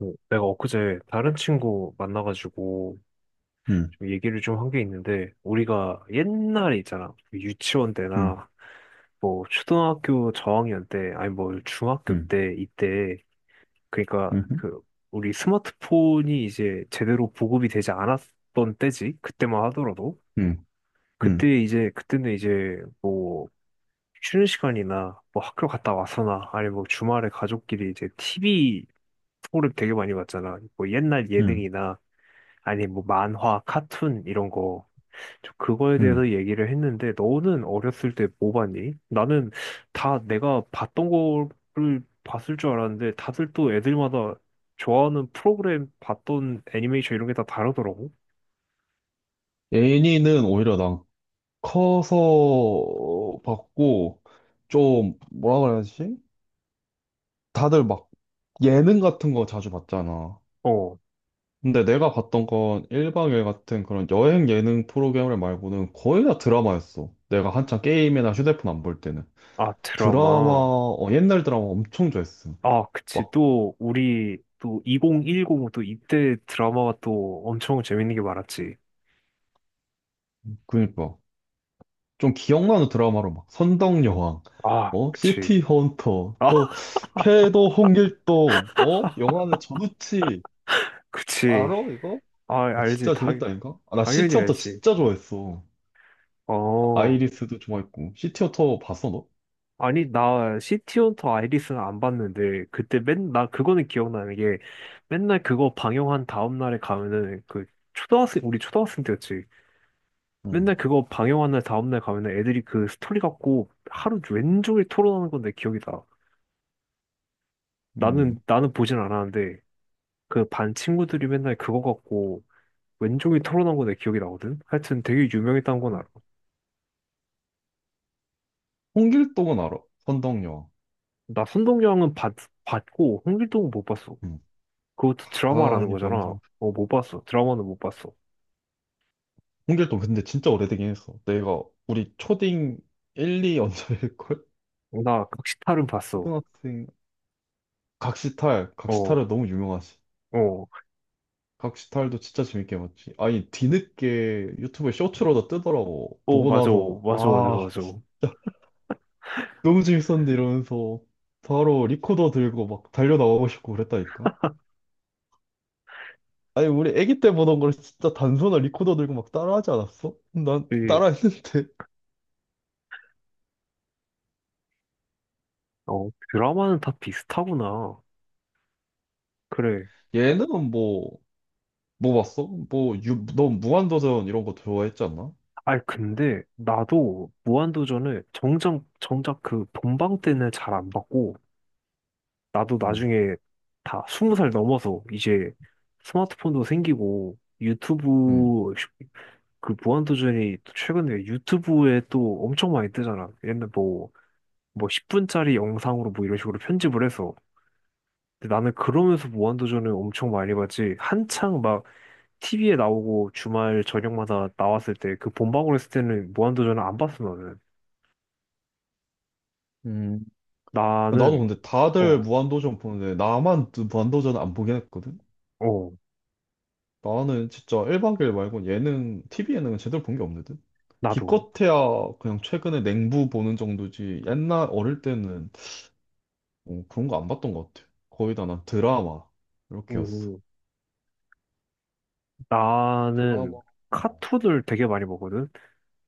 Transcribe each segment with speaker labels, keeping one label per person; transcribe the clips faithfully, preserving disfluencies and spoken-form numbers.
Speaker 1: 어, 내가 엊그제 다른 친구 만나가지고
Speaker 2: 음.
Speaker 1: 좀 얘기를 좀 한 게 있는데, 우리가 옛날에 있잖아. 그 유치원
Speaker 2: 음.
Speaker 1: 때나, 뭐, 초등학교 저학년 때, 아니 뭐, 중학교
Speaker 2: 음.
Speaker 1: 때, 이때, 그러니까
Speaker 2: 음.
Speaker 1: 그, 우리 스마트폰이 이제 제대로 보급이 되지 않았던 때지. 그때만 하더라도.
Speaker 2: 음.
Speaker 1: 그때
Speaker 2: 음.
Speaker 1: 이제, 그때는 이제 뭐, 쉬는 시간이나 뭐 학교 갔다 와서나, 아니 뭐 주말에 가족끼리 이제 티비 프로그램 되게 많이 봤잖아. 뭐 옛날
Speaker 2: 음.
Speaker 1: 예능이나, 아니, 뭐, 만화, 카툰, 이런 거. 저 그거에
Speaker 2: 음.
Speaker 1: 대해서 얘기를 했는데, 너는 어렸을 때 뭐 봤니? 나는 다 내가 봤던 거를 봤을 줄 알았는데, 다들 또 애들마다 좋아하는 프로그램 봤던 애니메이션 이런 게 다 다르더라고.
Speaker 2: 애니는 오히려 난 커서 봤고, 좀, 뭐라 그래야지? 다들 막 예능 같은 거 자주 봤잖아.
Speaker 1: 어,
Speaker 2: 근데 내가 봤던 건 일박일 같은 그런 여행 예능 프로그램 말고는 거의 다 드라마였어. 내가 한창 게임이나 휴대폰 안 볼 때는.
Speaker 1: 아,
Speaker 2: 드라마,
Speaker 1: 드라마.
Speaker 2: 어, 옛날 드라마 엄청 좋아했어.
Speaker 1: 아, 그치.
Speaker 2: 막,
Speaker 1: 또, 우리, 또, 이천십 년, 또, 이때 드라마가 또 엄청 재밌는 게 많았지.
Speaker 2: 그니까. 좀 기억나는 드라마로 막 선덕여왕,
Speaker 1: 아,
Speaker 2: 어,
Speaker 1: 그치.
Speaker 2: 시티 헌터,
Speaker 1: 아,
Speaker 2: 또 쾌도 홍길동, 어, 영화는 전우치,
Speaker 1: 그치.
Speaker 2: 알아 이거?
Speaker 1: 아,
Speaker 2: 아,
Speaker 1: 알지.
Speaker 2: 진짜
Speaker 1: 당,
Speaker 2: 재밌다 이까 아, 나
Speaker 1: 당연히
Speaker 2: 시티 헌터
Speaker 1: 알지.
Speaker 2: 진짜 좋아했어.
Speaker 1: 어.
Speaker 2: 아이리스도 좋아했고 시티 헌터 봤어 너?
Speaker 1: 아니, 나 시티헌터 아이리스는 안 봤는데, 그때 맨, 나 그거는 기억나는 게, 맨날 그거 방영한 다음날에 가면은, 그, 초등학생, 우리 초등학생 때였지.
Speaker 2: 응.
Speaker 1: 맨날 그거 방영한 날 다음날 가면은 애들이 그 스토리 갖고 하루 왼 종일 토론하는 건데 기억이 나.
Speaker 2: 음.
Speaker 1: 나는, 나는 보진 않았는데, 그 반 친구들이 맨날 그거 갖고 왼종일 토론한 건내 기억이 나거든? 하여튼 되게 유명했다는 건 알아.
Speaker 2: 음. 홍길동은 알아. 선덕여왕.
Speaker 1: 나 선동여왕은 봤, 봤고, 홍길동은 못 봤어.
Speaker 2: 음.
Speaker 1: 그것도
Speaker 2: 아,
Speaker 1: 드라마라는
Speaker 2: 이
Speaker 1: 거잖아.
Speaker 2: 명장.
Speaker 1: 어, 못 봤어. 드라마는 못 봤어.
Speaker 2: 홍길동 근데 진짜 오래되긴 했어. 내가 우리 초딩 일, 이 언저일걸?
Speaker 1: 어, 나 각시탈은 봤어.
Speaker 2: 초등학생, 각시탈,
Speaker 1: 어,
Speaker 2: 각시탈은 너무 유명하지.
Speaker 1: 어,
Speaker 2: 각시탈도 진짜 재밌게 봤지. 아니, 뒤늦게 유튜브에 쇼츠로 다 뜨더라고.
Speaker 1: 어,
Speaker 2: 보고
Speaker 1: 맞아,
Speaker 2: 나서,
Speaker 1: 맞아, 맞아,
Speaker 2: 아,
Speaker 1: 맞아.
Speaker 2: 진짜 너무 재밌었는데 이러면서 바로 리코더 들고 막 달려나가고 싶고 그랬다니까. 아니, 우리 애기 때 보던 걸 진짜 단소나 리코더 들고 막 따라하지 않았어? 난
Speaker 1: 그,
Speaker 2: 따라했는데.
Speaker 1: 어, 드라마는 다 비슷하구나. 그래.
Speaker 2: 얘는 뭐, 뭐 봤어? 뭐, 유, 너 무한도전 이런 거 좋아했지 않나?
Speaker 1: 아니, 근데 나도 무한도전을 정작, 정작 그 본방 때는 잘 안 봤고, 나도
Speaker 2: 응,
Speaker 1: 나중에 다 스무 살 넘어서 이제 스마트폰도 생기고,
Speaker 2: 응,
Speaker 1: 유튜브, 쇼- 그 무한도전이 또 최근에 유튜브에 또 엄청 많이 뜨잖아. 옛날 뭐, 뭐 십 분짜리 영상으로 뭐 이런 식으로 편집을 해서. 근데 나는 그러면서 무한도전을 엄청 많이 봤지. 한창 막 티비에 나오고 주말 저녁마다 나왔을 때 그 본방울 했을 때는 무한도전을 안 봤어 나는.
Speaker 2: 응. 나도
Speaker 1: 나는
Speaker 2: 근데 다들
Speaker 1: 어,
Speaker 2: 무한도전 보는데 나만 무한도전 안 보긴 했거든?
Speaker 1: 어,
Speaker 2: 나는 진짜 일 박 이 일 말고 예능, 티비 예능은 제대로 본 게 없거든?
Speaker 1: 나도.
Speaker 2: 기껏해야 그냥 최근에 냉부 보는 정도지. 옛날 어릴 때는 어, 그런 거 안 봤던 것 같아. 거의 다 난 드라마 이렇게였어.
Speaker 1: 음, 나는
Speaker 2: 드라마. 어.
Speaker 1: 카툰을 되게 많이 보거든.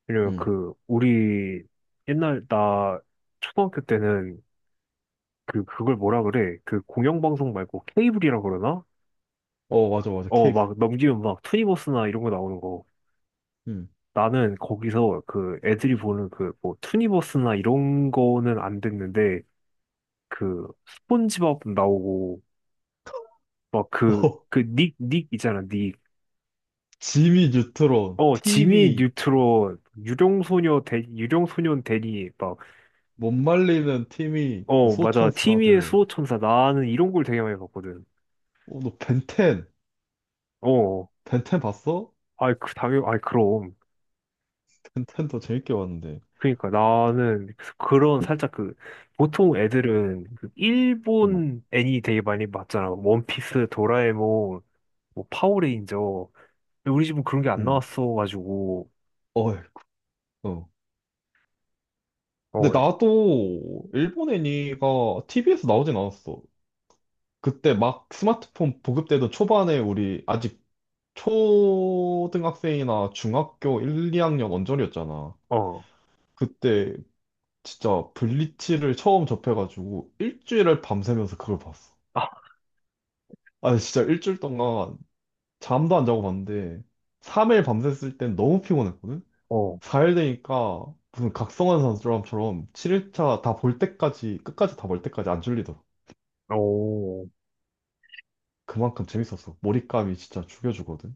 Speaker 1: 왜냐면
Speaker 2: 응.
Speaker 1: 그 우리 옛날 나 초등학교 때는 그 그걸 뭐라 그래? 그 공영방송 말고 케이블이라 그러나?
Speaker 2: 어, 맞아, 맞아.
Speaker 1: 어,
Speaker 2: 케이블.
Speaker 1: 막 넘기면 막 투니버스나 이런 거 나오는 거.
Speaker 2: 응.
Speaker 1: 나는 거기서 그 애들이 보는 그 뭐 투니버스나 이런 거는 안 됐는데 그 스폰지밥 나오고 막 그
Speaker 2: 어,
Speaker 1: 그 닉 닉 있잖아 닉.
Speaker 2: 지미 뉴트론,
Speaker 1: 어 지미
Speaker 2: 팀이,
Speaker 1: 뉴트론 유령소녀 대 유령소년 대니
Speaker 2: 못 말리는 팀이, 그
Speaker 1: 막어 맞아 티미의
Speaker 2: 소천사들.
Speaker 1: 수호천사 나는 이런 걸 되게 많이 봤거든.
Speaker 2: 어, 너 벤텐,
Speaker 1: 어 어.
Speaker 2: 벤텐 봤어?
Speaker 1: 아이 그 당연 아이 그럼
Speaker 2: 벤텐도 재밌게 봤는데.
Speaker 1: 그러니까 나는 그런 살짝 그 보통 애들은 그
Speaker 2: 응,
Speaker 1: 일본 애니 되게 많이 봤잖아 원피스 도라에몽 뭐 파워레인저. 근데 우리 집은 그런 게 안
Speaker 2: 응.
Speaker 1: 나왔어가지고,
Speaker 2: 어, 근데
Speaker 1: 어,
Speaker 2: 나도 일본 애니가 티비에서 나오진 않았어. 그때 막 스마트폰 보급되던 초반에 우리 아직 초등학생이나 중학교 일, 이 학년 언저리였잖아.
Speaker 1: 어,
Speaker 2: 그때 진짜 블리치를 처음 접해가지고 일주일을 밤새면서 그걸 봤어.
Speaker 1: 아,
Speaker 2: 아, 진짜 일주일 동안 잠도 안 자고 봤는데 삼 일 밤샜을 땐 너무 피곤했거든?
Speaker 1: 어,
Speaker 2: 사 일 되니까 무슨 각성한 사람처럼 칠 일 차 다 볼 때까지, 끝까지 다 볼 때까지 안 졸리더라.
Speaker 1: 어.
Speaker 2: 그만큼 재밌었어. 몰입감이 진짜 죽여주거든.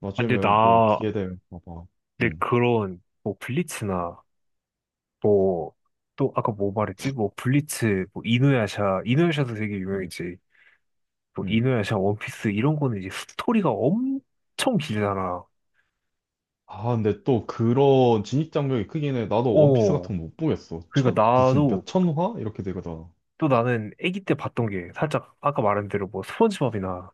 Speaker 2: 나중에
Speaker 1: 근데
Speaker 2: 뭐
Speaker 1: 나,
Speaker 2: 기회 되면 봐봐.
Speaker 1: 내
Speaker 2: 음.
Speaker 1: 그런, 뭐, 블리츠나, 뭐, 또, 아까 뭐 말했지? 뭐, 블리츠, 뭐, 이누야샤, 이누야샤도 되게
Speaker 2: 음.
Speaker 1: 유명했지. 뭐,
Speaker 2: 음.
Speaker 1: 이누야샤, 원피스, 이런 거는 이제 스토리가 엄청 길잖아.
Speaker 2: 아, 근데 또 그런 진입장벽이 크긴 해. 나도 원피스
Speaker 1: 어.
Speaker 2: 같은 거 못 보겠어. 천,
Speaker 1: 그러니까
Speaker 2: 무슨
Speaker 1: 나도,
Speaker 2: 몇천 화? 이렇게 되거든.
Speaker 1: 또 나는 아기 때 봤던 게, 살짝, 아까 말한 대로 뭐, 스펀지밥이나,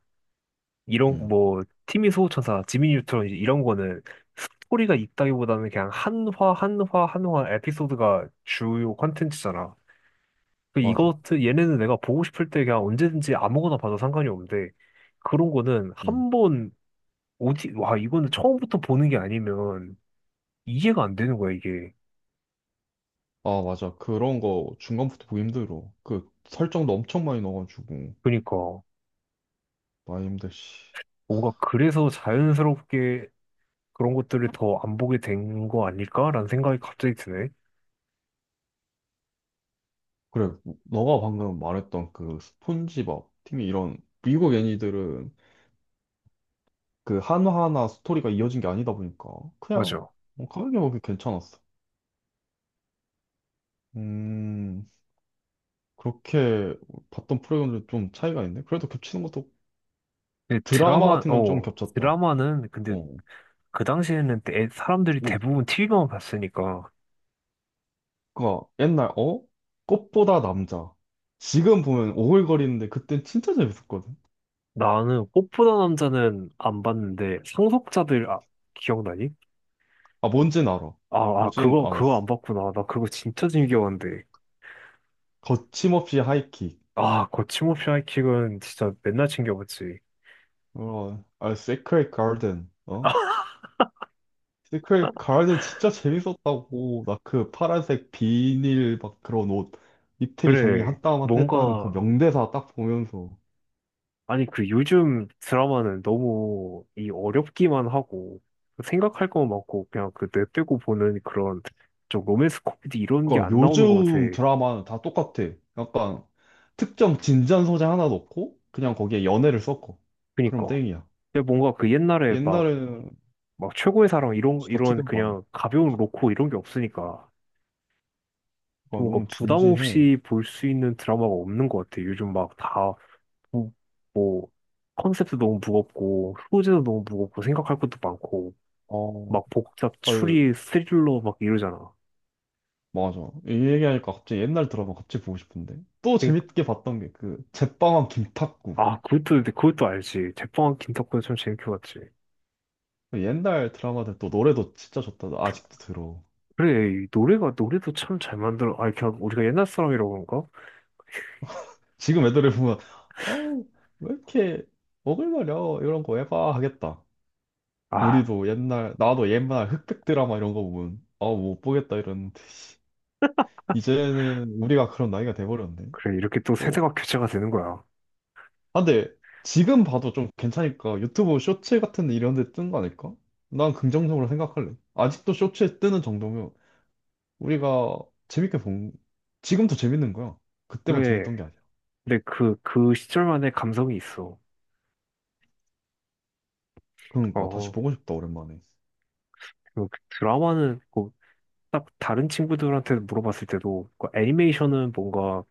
Speaker 1: 이런
Speaker 2: 음,
Speaker 1: 뭐 티미 소호천사, 지미 뉴트론 이제 이런 거는 스토리가 있다기보다는 그냥 한화 한화 한화 에피소드가 주요 컨텐츠잖아. 그
Speaker 2: 맞아.
Speaker 1: 이것 얘네는 내가 보고 싶을 때 그냥 언제든지 아무거나 봐도 상관이 없는데 그런 거는
Speaker 2: 음.
Speaker 1: 한 번 오지 와 이거는 처음부터 보는 게 아니면 이해가 안 되는 거야 이게.
Speaker 2: 아, 맞아. 그런 거 중간부터 보기 힘들어. 그 설정도 엄청 많이 넣어가지고.
Speaker 1: 그러니까
Speaker 2: 많이 힘들, 씨.
Speaker 1: 뭔가 그래서 자연스럽게 그런 것들을 더 안 보게 된 거 아닐까라는 생각이 갑자기 드네.
Speaker 2: 그래, 너가 방금 말했던 그 스폰지밥, 팀이 이런 미국 애니들은 그 하나하나 스토리가 이어진 게 아니다 보니까 그냥
Speaker 1: 맞아.
Speaker 2: 뭐 가볍게 보기 괜찮았어. 음, 그렇게 봤던 프로그램들 좀 차이가 있네. 그래도 겹치는 것도
Speaker 1: 근데
Speaker 2: 드라마
Speaker 1: 드라마
Speaker 2: 같은 건 좀
Speaker 1: 어
Speaker 2: 겹쳤다.
Speaker 1: 드라마는 근데
Speaker 2: 어.
Speaker 1: 그 당시에는 대- 사람들이 대부분 티비만 봤으니까
Speaker 2: 그러니까 옛날 어? 꽃보다 남자. 지금 보면 오글거리는데 그땐 진짜 재밌었거든.
Speaker 1: 나는 꽃보다 남자는 안 봤는데 상속자들 아, 기억나니?
Speaker 2: 아, 뭔진 알아.
Speaker 1: 아, 아
Speaker 2: 보진
Speaker 1: 그거 그거
Speaker 2: 않았어.
Speaker 1: 안 봤구나. 나 그거 진짜 즐겨봤는데.
Speaker 2: 거침없이 하이킥.
Speaker 1: 아 거침없이 하이킥은 진짜 맨날 챙겨봤지.
Speaker 2: 어, 아, 세크레 가든. 어? 근데 그 가을도 진짜 재밌었다고. 나 그 파란색 비닐 막 그런 옷 입틀이 장기
Speaker 1: 그래
Speaker 2: 한 땀 한 땀 했다는 그
Speaker 1: 뭔가
Speaker 2: 명대사 딱 보면서.
Speaker 1: 아니 그 요즘 드라마는 너무 이 어렵기만 하고 생각할 거 많고 그냥 그 내빼고 보는 그런 좀 로맨스 코미디 이런 게
Speaker 2: 그러니까
Speaker 1: 안 나오는 것 같아.
Speaker 2: 요즘 드라마는 다 똑같아. 약간 특정 진지한 소재 하나 넣고 그냥 거기에 연애를 섞어. 그럼
Speaker 1: 그니까.
Speaker 2: 땡이야.
Speaker 1: 근데 뭔가 그 옛날에 막
Speaker 2: 옛날에는
Speaker 1: 막 최고의 사랑 이런
Speaker 2: 진짜
Speaker 1: 이런
Speaker 2: 특이한 거 많아.
Speaker 1: 그냥 가벼운 로코 이런 게 없으니까 좀
Speaker 2: 그러니까
Speaker 1: 뭔가
Speaker 2: 너무
Speaker 1: 부담
Speaker 2: 진지해.
Speaker 1: 없이 볼 수 있는 드라마가 없는 것 같아. 요즘 막 다뭐 뭐 컨셉도 너무 무겁고 소재도 너무 무겁고 생각할 것도 많고
Speaker 2: 어,
Speaker 1: 막 복잡
Speaker 2: 아,
Speaker 1: 추리 스릴러 막 이러잖아.
Speaker 2: 맞아. 이 얘기하니까 갑자기 옛날 드라마 갑자기 보고 싶은데. 또
Speaker 1: 그러니까
Speaker 2: 재밌게 봤던 게 그 제빵왕 김탁구.
Speaker 1: 아 그것도 근데 그것도 알지. 제빵한 김탁구도 참 재밌게 봤지.
Speaker 2: 옛날 드라마들 또 노래도 진짜 좋다. 나 아직도 들어.
Speaker 1: 그래 이 노래가 노래도 참 잘 만들어. 아 그냥 우리가 옛날 사람이라고 그런가?
Speaker 2: 지금 애들을 보면, 어우, 왜 이렇게 오글거려? 이런 거 해봐 하겠다.
Speaker 1: 아
Speaker 2: 우리도 옛날, 나도 옛날 흑백 드라마 이런 거 보면, 아우, 못 보겠다 이러는데. 이제는 우리가 그런 나이가 돼버렸네.
Speaker 1: 그래 이렇게 또
Speaker 2: 또,
Speaker 1: 세대가 교체가 되는 거야.
Speaker 2: 아, 근데 지금 봐도 좀 괜찮으니까 유튜브 쇼츠 같은 데 이런 데 뜬 거 아닐까? 난 긍정적으로 생각할래. 아직도 쇼츠에 뜨는 정도면 우리가 재밌게 본, 지금도 재밌는 거야. 그때만
Speaker 1: 그래
Speaker 2: 재밌던 게 아니야.
Speaker 1: 근데 그, 그 시절만의 감성이 있어.
Speaker 2: 그러니까 다시
Speaker 1: 어,
Speaker 2: 보고 싶다 오랜만에.
Speaker 1: 그 드라마는 뭐, 딱 다른 친구들한테 물어봤을 때도 그 애니메이션은 뭔가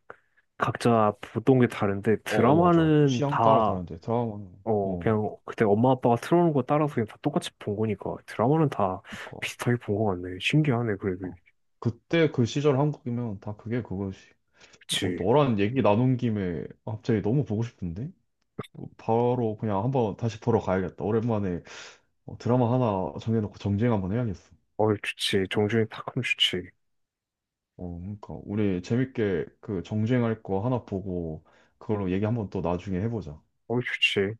Speaker 1: 각자 보던 게 다른데
Speaker 2: 어, 어 맞아.
Speaker 1: 드라마는
Speaker 2: 취향 따라
Speaker 1: 다,
Speaker 2: 다른데 드라마는
Speaker 1: 어,
Speaker 2: 어
Speaker 1: 그냥 그때 엄마 아빠가 틀어놓은 거 따라서 그냥 다 똑같이 본 거니까 드라마는 다
Speaker 2: 그러니까
Speaker 1: 비슷하게 본 거 같네. 신기하네, 그래도.
Speaker 2: 어. 그때 그 시절 한국이면 다 그게 그거지. 어,
Speaker 1: 그치.
Speaker 2: 너랑 얘기 나눈 김에 갑자기 너무 보고 싶은데 어, 바로 그냥 한번 다시 보러 가야겠다. 오랜만에 어, 드라마 하나 정해놓고 정주행 한번 해야겠어.
Speaker 1: 어, 좋지. 정준이 탁하면 좋지.
Speaker 2: 어 그러니까 우리 재밌게 그 정주행할 거 하나 보고 그걸로 얘기 한번 또 나중에 해보자.
Speaker 1: 어, 좋지.